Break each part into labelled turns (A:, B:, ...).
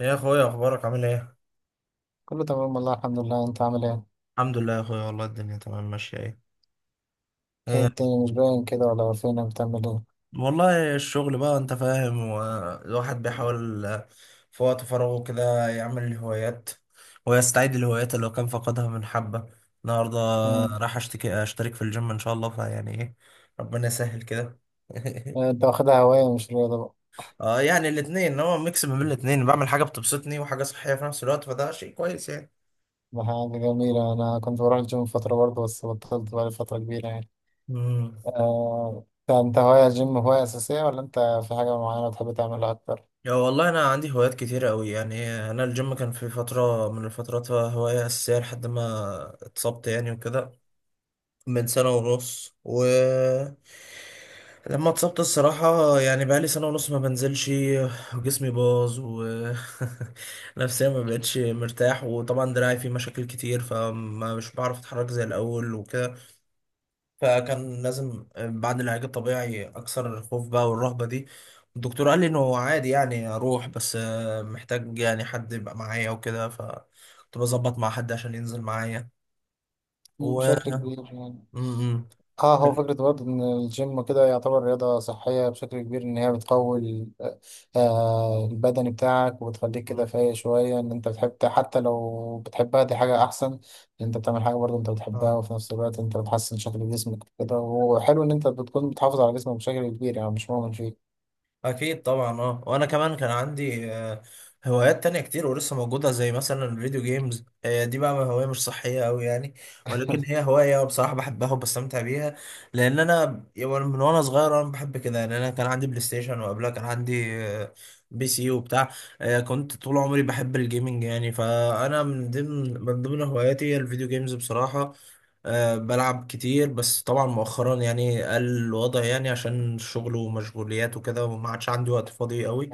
A: يا اخويا، اخبارك عامل ايه؟
B: كله تمام والله الحمد لله انت عامل ايه؟
A: الحمد لله يا اخويا، والله الدنيا تمام ماشيه ايه؟
B: ايه
A: إيه،
B: الدنيا مش باين كده ولا فينك بتعمل ايه؟
A: والله الشغل بقى انت فاهم، والواحد بيحاول في وقت فراغه كده يعمل الهوايات، ويستعيد الهوايات اللي هو كان فقدها من حبة. النهاردة
B: مم.
A: راح اشترك في الجيم ان شاء الله، فيعني ايه، ربنا يسهل كده.
B: انت واخدها هواية مش رياضة بقى.
A: اه يعني الاتنين، هو ميكس ما بين الاتنين، بعمل حاجة بتبسطني وحاجة صحية في نفس الوقت، فده شيء كويس.
B: ده حاجة جميلة، أنا كنت بروح الجيم فترة برضه بس بطلت بقالي فترة كبيرة يعني.
A: يعني
B: انت هواية الجيم هواية أساسية ولا انت في حاجة معينة بتحب تعملها أكتر؟
A: يا والله انا عندي هوايات كتيرة قوي، يعني انا الجيم كان في فترة من الفترات هواية اساسية لحد ما اتصبت يعني وكده. من سنة ونص لما اتصبت الصراحة يعني بقالي سنة ونص ما بنزلش، وجسمي باظ نفسيا ما بقتش مرتاح، وطبعا دراعي فيه مشاكل كتير، فما مش بعرف اتحرك زي الاول وكده. فكان لازم بعد العلاج الطبيعي اكسر الخوف بقى والرهبة دي. الدكتور قال لي انه عادي يعني اروح، بس محتاج يعني حد يبقى معايا وكده، فكنت بظبط مع حد عشان ينزل معايا
B: مم،
A: و
B: بشكل كبير يعني.
A: م-
B: اه هو فكرة برضه إن الجيم كده يعتبر رياضة صحية بشكل كبير إن هي بتقوي البدني بتاعك وبتخليك كده
A: م.
B: فايق شوية إن أنت بتحب، حتى لو بتحبها دي حاجة أحسن، إن أنت بتعمل حاجة برضه أنت بتحبها
A: اه
B: وفي نفس الوقت أنت بتحسن شكل جسمك كده. وحلو إن أنت بتكون بتحافظ على جسمك بشكل كبير يعني مش مؤمن فيه.
A: اكيد طبعا. اه وانا كمان كان عندي هوايات تانية كتير ولسه موجودة، زي مثلا الفيديو جيمز، دي بقى هواية مش صحية أوي يعني، ولكن هي هواية بصراحة بحبها وبستمتع بيها. لأن أنا يعني من وأنا صغير أنا بحب كده، يعني أنا كان عندي بلاي ستيشن، وقبلها كان عندي بي سي وبتاع. كنت طول عمري بحب الجيمنج يعني، فأنا من ضمن هواياتي هي الفيديو جيمز بصراحة. أه بلعب كتير، بس طبعا مؤخرا يعني قل الوضع، يعني عشان الشغل ومشغوليات وكده، وما عادش عندي وقت فاضي قوي.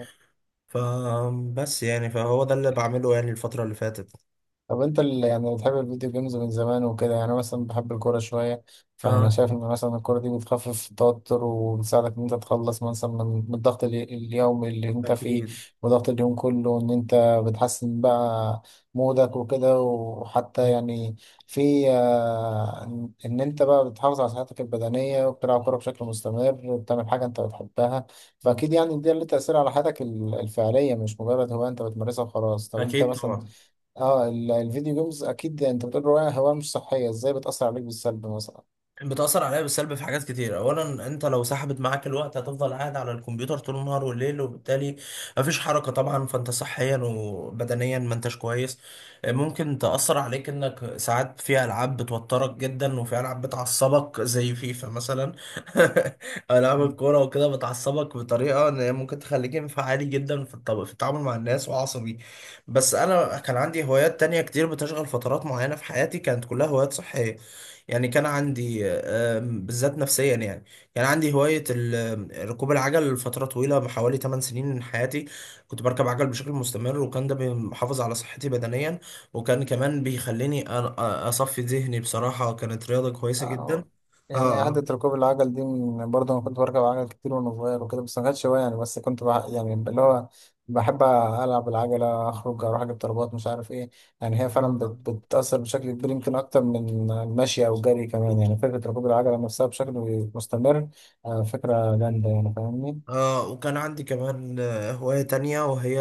A: فبس يعني فهو ده اللي بعمله يعني الفترة اللي فاتت.
B: طب انت اللي يعني بتحب الفيديو جيمز من زمان وكده، يعني أنا مثلا بحب الكورة شوية، فانا
A: اه
B: شايف ان مثلا الكورة دي بتخفف التوتر وبتساعدك ان انت تخلص مثلا من الضغط اليومي اللي انت فيه
A: اكيد.
B: وضغط اليوم كله، ان انت بتحسن بقى مودك وكده، وحتى يعني في آه، ان إن انت بقى بتحافظ على صحتك البدنية وبتلعب كورة بشكل مستمر وبتعمل حاجة انت بتحبها. فاكيد يعني ده له تأثير على حياتك الفعلية، مش مجرد هواية انت بتمارسها وخلاص. طب انت
A: اكيد
B: مثلا،
A: طبعا.
B: اه الفيديو جيمز، اكيد انت بتقول هواية، هواية مش صحية، ازاي بتأثر عليك بالسلب مثلا؟
A: بتأثر عليا بالسلب في حاجات كتير. أولا أنت لو سحبت معاك الوقت هتفضل قاعد على الكمبيوتر طول النهار والليل، وبالتالي مفيش حركة طبعا، فأنت صحيا وبدنيا ما أنتش كويس. ممكن تأثر عليك إنك ساعات في ألعاب بتوترك جدا، وفي ألعاب بتعصبك زي فيفا مثلا. ألعاب
B: مم.
A: الكورة وكده بتعصبك بطريقة إن هي ممكن تخليك انفعالي جدا في في التعامل مع الناس وعصبي. بس أنا كان عندي هوايات تانية كتير بتشغل فترات معينة في حياتي كانت كلها هوايات صحية. يعني كان عندي بالذات نفسيا يعني. يعني عندي هواية ركوب العجل لفترة طويلة، حوالي 8 سنين من حياتي كنت بركب عجل بشكل مستمر، وكان ده بيحافظ على صحتي بدنيا، وكان كمان بيخليني أصفي ذهني. بصراحة كانت رياضة كويسة جدا.
B: آه، يعني
A: اه
B: عادة ركوب العجل دي برضه انا كنت بركب عجل كتير وانا صغير وكده، بس ما كانتش هواية يعني، بس كنت يعني اللي هو بحب العب العجلة اخرج اروح اجيب طلبات مش عارف ايه. يعني هي فعلا
A: آه.
B: بتأثر بشكل كبير، يمكن اكتر من المشي او الجري كمان، يعني فكرة ركوب العجلة نفسها بشكل مستمر. آه، فكرة جامدة يعني، فاهمني.
A: اه وكان عندي كمان هواية تانية، وهي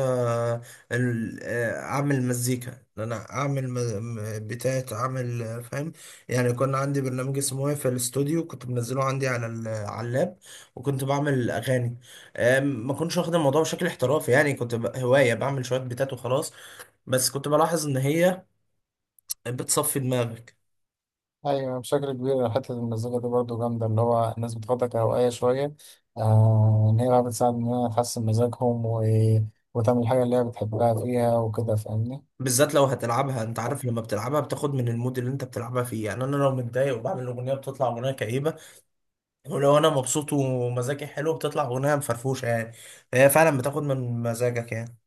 A: أعمل مزيكا. إن أنا أعمل بتاعة، أعمل فاهم يعني. كان عندي برنامج اسمه إيه في الاستوديو كنت منزله عندي على على اللاب، وكنت بعمل أغاني. ما كنتش واخد الموضوع بشكل احترافي يعني، كنت هواية بعمل شوية بتات وخلاص، بس كنت بلاحظ إن هي بتصفي دماغك.
B: ايوه بشكل كبير، حته المزيكا دي برضو جامده، اللي هو الناس بتاخدها كهوايه شويه، آه، ان هي بقى بتساعد ان هي تحسن مزاجهم وتعمل الحاجه اللي هي بتحبها فيها وكده، فاهمني.
A: بالذات لو هتلعبها، انت عارف لما بتلعبها بتاخد من المود اللي انت بتلعبها فيه. يعني انا لو متضايق وبعمل اغنيه بتطلع اغنيه كئيبه، ولو انا مبسوط ومزاجي حلو بتطلع اغنيه مفرفوشه يعني. هي فعلا بتاخد من مزاجك يعني.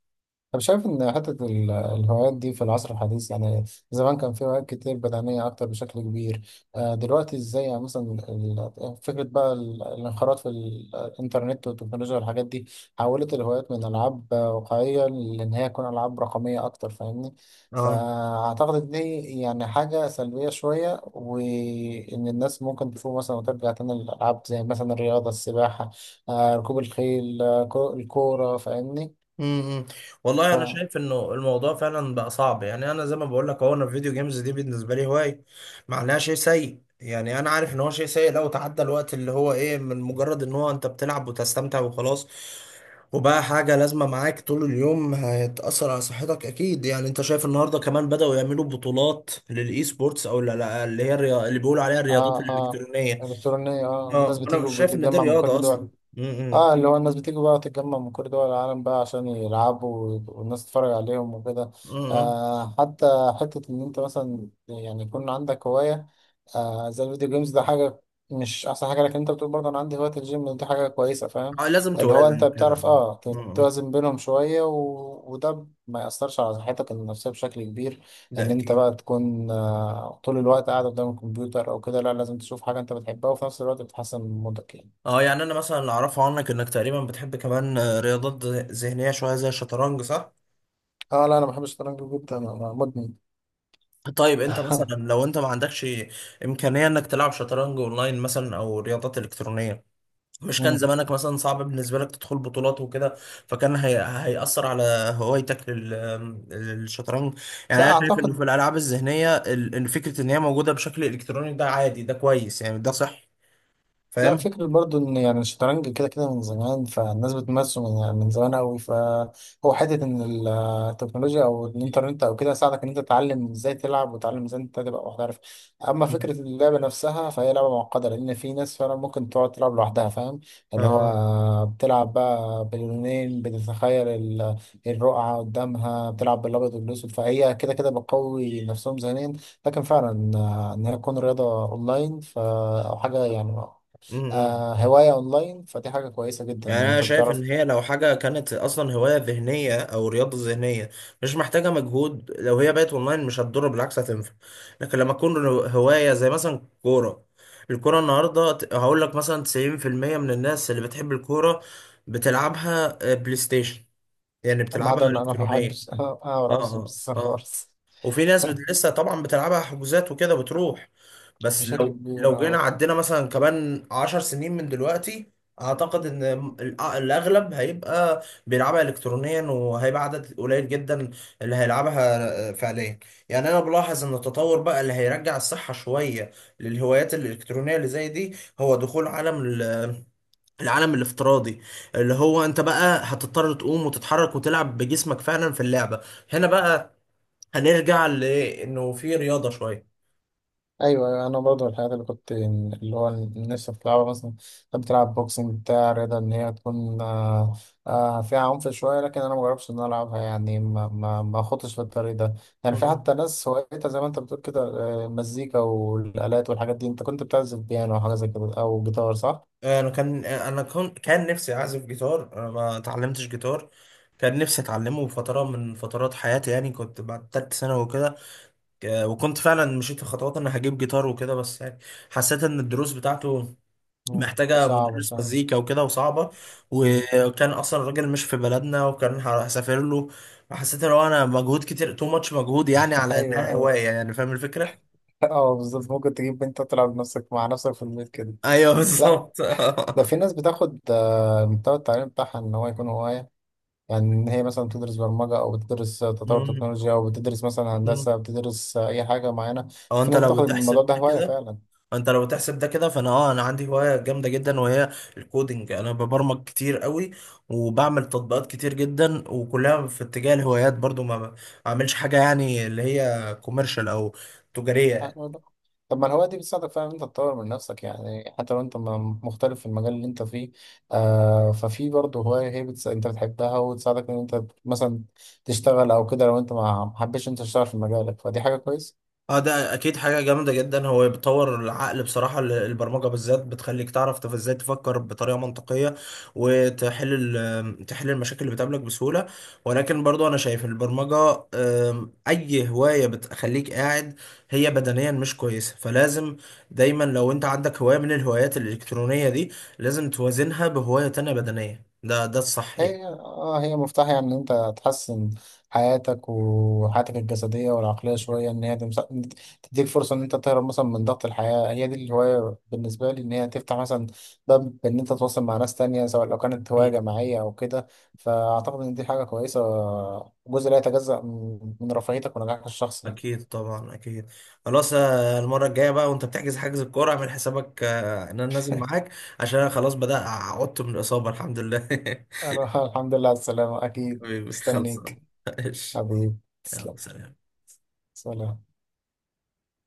B: طب شايف إن حتة الهوايات دي في العصر الحديث يعني، زمان كان في هوايات كتير بدنية أكتر بشكل كبير، دلوقتي إزاي يعني مثلا فكرة بقى الانخراط في الإنترنت والتكنولوجيا والحاجات دي حولت الهوايات من ألعاب واقعية لإن هي تكون ألعاب رقمية أكتر، فاهمني.
A: اه،
B: فأعتقد إن دي يعني حاجة سلبية شوية، وإن الناس ممكن تفوق مثلا وترجع تاني للألعاب زي مثلا الرياضة، السباحة، ركوب الخيل، الكورة، فاهمني.
A: امم امم. والله انا شايف انه الموضوع فعلا بقى صعب. يعني انا زي ما بقول لك، هو انا الفيديو جيمز دي بالنسبه لي هوايه، معناها شيء سيء. يعني انا عارف ان هو شيء سيء لو تعدى الوقت اللي هو ايه من مجرد ان هو انت بتلعب وتستمتع وخلاص، وبقى حاجه لازمه معاك طول اليوم هتاثر على صحتك اكيد. يعني انت شايف النهارده كمان بداوا يعملوا بطولات للاي سبورتس، او لا، اللي هي اللي بيقولوا عليها الرياضات
B: اه اه،
A: الالكترونيه.
B: الكترونيه، اه
A: اه
B: الناس
A: وانا
B: بتيجي
A: مش شايف ان دي
B: وبتتجمع من كل
A: رياضه اصلا.
B: دول.
A: امم
B: اه اللي هو الناس بتيجي بقى تتجمع من كل دول العالم بقى عشان يلعبوا والناس تتفرج عليهم وكده.
A: امم.
B: آه حتى، حتة إن أنت مثلا يعني يكون عندك هواية زي الفيديو جيمز، ده حاجة مش أحسن حاجة، لكن أنت بتقول برضه أنا عندي هواية الجيم، دي حاجة كويسة، فاهم؟
A: اه لازم
B: اللي هو أنت
A: توازن كده.
B: بتعرف اه
A: اه اه.
B: توازن بينهم شوية وده ما يأثرش على صحتك النفسية بشكل كبير،
A: ده
B: إن أنت
A: اكيد.
B: بقى تكون آه طول الوقت قاعد قدام الكمبيوتر أو كده. لا، لازم تشوف حاجة أنت بتحبها وفي نفس الوقت بتحسن من مودك يعني.
A: اه يعني انا مثلا اللي اعرفه عنك، انك تقريبا بتحب كمان رياضات ذهنيه شويه زي الشطرنج، صح؟
B: اه لا، انا بحب الشطرنج جدا، انا مدمن.
A: طيب انت مثلا لو انت ما عندكش امكانيه انك تلعب شطرنج اونلاين مثلا او رياضات الكترونيه، مش كان زمانك مثلا صعب بالنسبه لك تدخل بطولات وكده؟ فكان هيأثر على هوايتك للشطرنج. يعني
B: لا
A: انا شايف انه في
B: اعتقد،
A: الالعاب الذهنيه إن فكره ان هي موجوده بشكل الكتروني ده عادي، ده كويس يعني، ده صح.
B: لا،
A: فاهم؟
B: فكرة برضو ان يعني الشطرنج كده كده من زمان، فالناس بتمارسه من يعني من زمان قوي، فهو حتة ان التكنولوجيا او الانترنت او كده ساعدك ان انت تتعلم ازاي تلعب وتتعلم ازاي انت تبقى محترف. اما فكرة اللعبة نفسها فهي لعبة معقدة، لان في ناس فعلا ممكن تقعد تلعب لوحدها، فاهم؟ اللي
A: اه.
B: هو بتلعب بقى باللونين، بتتخيل الرقعة قدامها، بتلعب بالابيض والاسود، فهي كده كده بتقوي نفسهم ذهنيا. لكن فعلا ان هي تكون رياضة اونلاين او حاجة يعني،
A: امم.
B: آه هواية أونلاين، فدي حاجة كويسة جدا
A: يعني
B: إن
A: انا
B: أنت
A: شايف ان
B: بتعرف.
A: هي لو حاجه كانت اصلا هوايه ذهنيه او رياضه ذهنيه مش محتاجه مجهود، لو هي بقت اونلاين مش هتضر، بالعكس هتنفع. لكن لما تكون هوايه زي مثلا كوره، الكوره النهارده هقول لك مثلا 90% من الناس اللي بتحب الكوره بتلعبها بلاي ستيشن، يعني
B: ما
A: بتلعبها
B: عدا إن أنا ما
A: الكترونيه.
B: بحبش
A: اه
B: أقرأ
A: اه
B: بس
A: اه.
B: خالص.
A: وفي ناس لسه طبعا بتلعبها حجوزات وكده بتروح. بس
B: بشكل
A: لو
B: كبير
A: لو جينا
B: أه.
A: عدينا مثلا كمان 10 سنين من دلوقتي، اعتقد ان الاغلب هيبقى بيلعبها الكترونيا، وهيبقى عدد قليل جدا اللي هيلعبها فعليا. يعني انا بلاحظ ان التطور بقى اللي هيرجع الصحة شوية للهوايات الالكترونية اللي زي دي هو دخول العالم الافتراضي، اللي هو انت بقى هتضطر تقوم وتتحرك وتلعب بجسمك فعلا في اللعبة. هنا بقى هنرجع لايه، انه في رياضه شويه.
B: أيوه أيوه، أنا برضه الحاجات اللي كنت اللي هو نفسي بتلعبها مثلا، كنت بتلعب بوكسنج بتاع رياضة، إن هي تكون فيها عنف شوية، لكن أنا مجربش إن أنا ألعبها يعني، ما خدتش في الطريق ده. يعني في
A: مم.
B: حتى ناس هوايتها زي ما أنت بتقول كده، مزيكا والآلات والحاجات دي. أنت كنت بتعزف بيانو أو حاجة زي كده، أو جيتار، صح؟
A: انا كان انا كنت كان نفسي اعزف جيتار، انا ما اتعلمتش جيتار. كان نفسي اتعلمه فتره من فترات حياتي، يعني كنت بعد تالت سنه وكده. وكنت فعلا مشيت في خطوات ان هجيب جيتار وكده، بس يعني حسيت ان الدروس بتاعته
B: مم.
A: محتاجه
B: صعب
A: مدرس
B: شوية.
A: مزيكا وكده وصعبه، وكان اصلا الراجل مش في بلدنا وكان هسافر له. فحسيت ان هو انا مجهود كتير، تو ماتش مجهود يعني على
B: ايوه
A: انها
B: ايوه،
A: هوايه، يعني فاهم الفكره.
B: اه بالظبط، ممكن تجيب انت تلعب بنفسك مع نفسك في البيت كده.
A: ايوه
B: لا،
A: بالظبط.
B: ده في ناس بتاخد المحتوى التعليمي بتاعها ان هو يكون هوايه يعني، يعني ان هي مثلا بتدرس برمجه او بتدرس تطور
A: مم.
B: تكنولوجيا، او بتدرس مثلا
A: مم.
B: هندسه، بتدرس اي حاجه معينه.
A: او
B: في
A: انت
B: ناس
A: لو
B: بتاخد الموضوع
A: بتحسب
B: ده
A: ده
B: هوايه
A: كده
B: فعلا.
A: انت لو بتحسب ده كده، فانا انا عندي هوايه جامده جدا، وهي الكودينج. انا ببرمج كتير قوي، وبعمل تطبيقات كتير جدا، وكلها في اتجاه الهوايات برضو، ما بعملش حاجه يعني اللي هي كوميرشال او تجاريه.
B: طب ما الهواية دي بتساعدك فعلا إن أنت تطور من نفسك، يعني حتى لو أنت مختلف في المجال اللي أنت فيه، آه ففي برضه هواية، أنت بتحبها وتساعدك إن أنت مثلا تشتغل أو كده، لو أنت ما حبيتش أنت تشتغل في مجالك، فدي حاجة كويسة.
A: اه ده اكيد حاجة جامدة جدا. هو بيطور العقل بصراحة، البرمجة بالذات بتخليك تعرف ازاي تفكر بطريقة منطقية، وتحل تحل المشاكل اللي بتقابلك بسهولة. ولكن برضو انا شايف البرمجة، اي هواية بتخليك قاعد هي بدنيا مش كويسة، فلازم دايما لو انت عندك هواية من الهوايات الالكترونية دي لازم توازنها بهواية تانية بدنية. ده الصح يعني.
B: هي اه هي مفتاح يعني ان انت تحسن حياتك وحياتك الجسديه والعقليه شويه، ان هي تديك فرصه ان انت تهرب مثلا من ضغط الحياه. هي دي الهوايه بالنسبه لي، ان هي تفتح مثلا باب ان انت تتواصل مع ناس تانية، سواء لو كانت هوايه
A: أكيد.
B: جماعيه او كده. فاعتقد ان دي حاجه كويسه، جزء لا يتجزأ من رفاهيتك ونجاحك الشخصي يعني.
A: اكيد طبعا اكيد. خلاص المره الجايه بقى وانت بتحجز حجز الكوره اعمل حسابك، ان انا نازل معاك عشان انا خلاص بدأ عدت من الاصابه، الحمد لله.
B: الحمد لله على السلامه، اكيد
A: حبيبي خلصان.
B: مستنيك،
A: ماشي.
B: حبيبي، تسلم.
A: يلا، سلام.
B: سلام.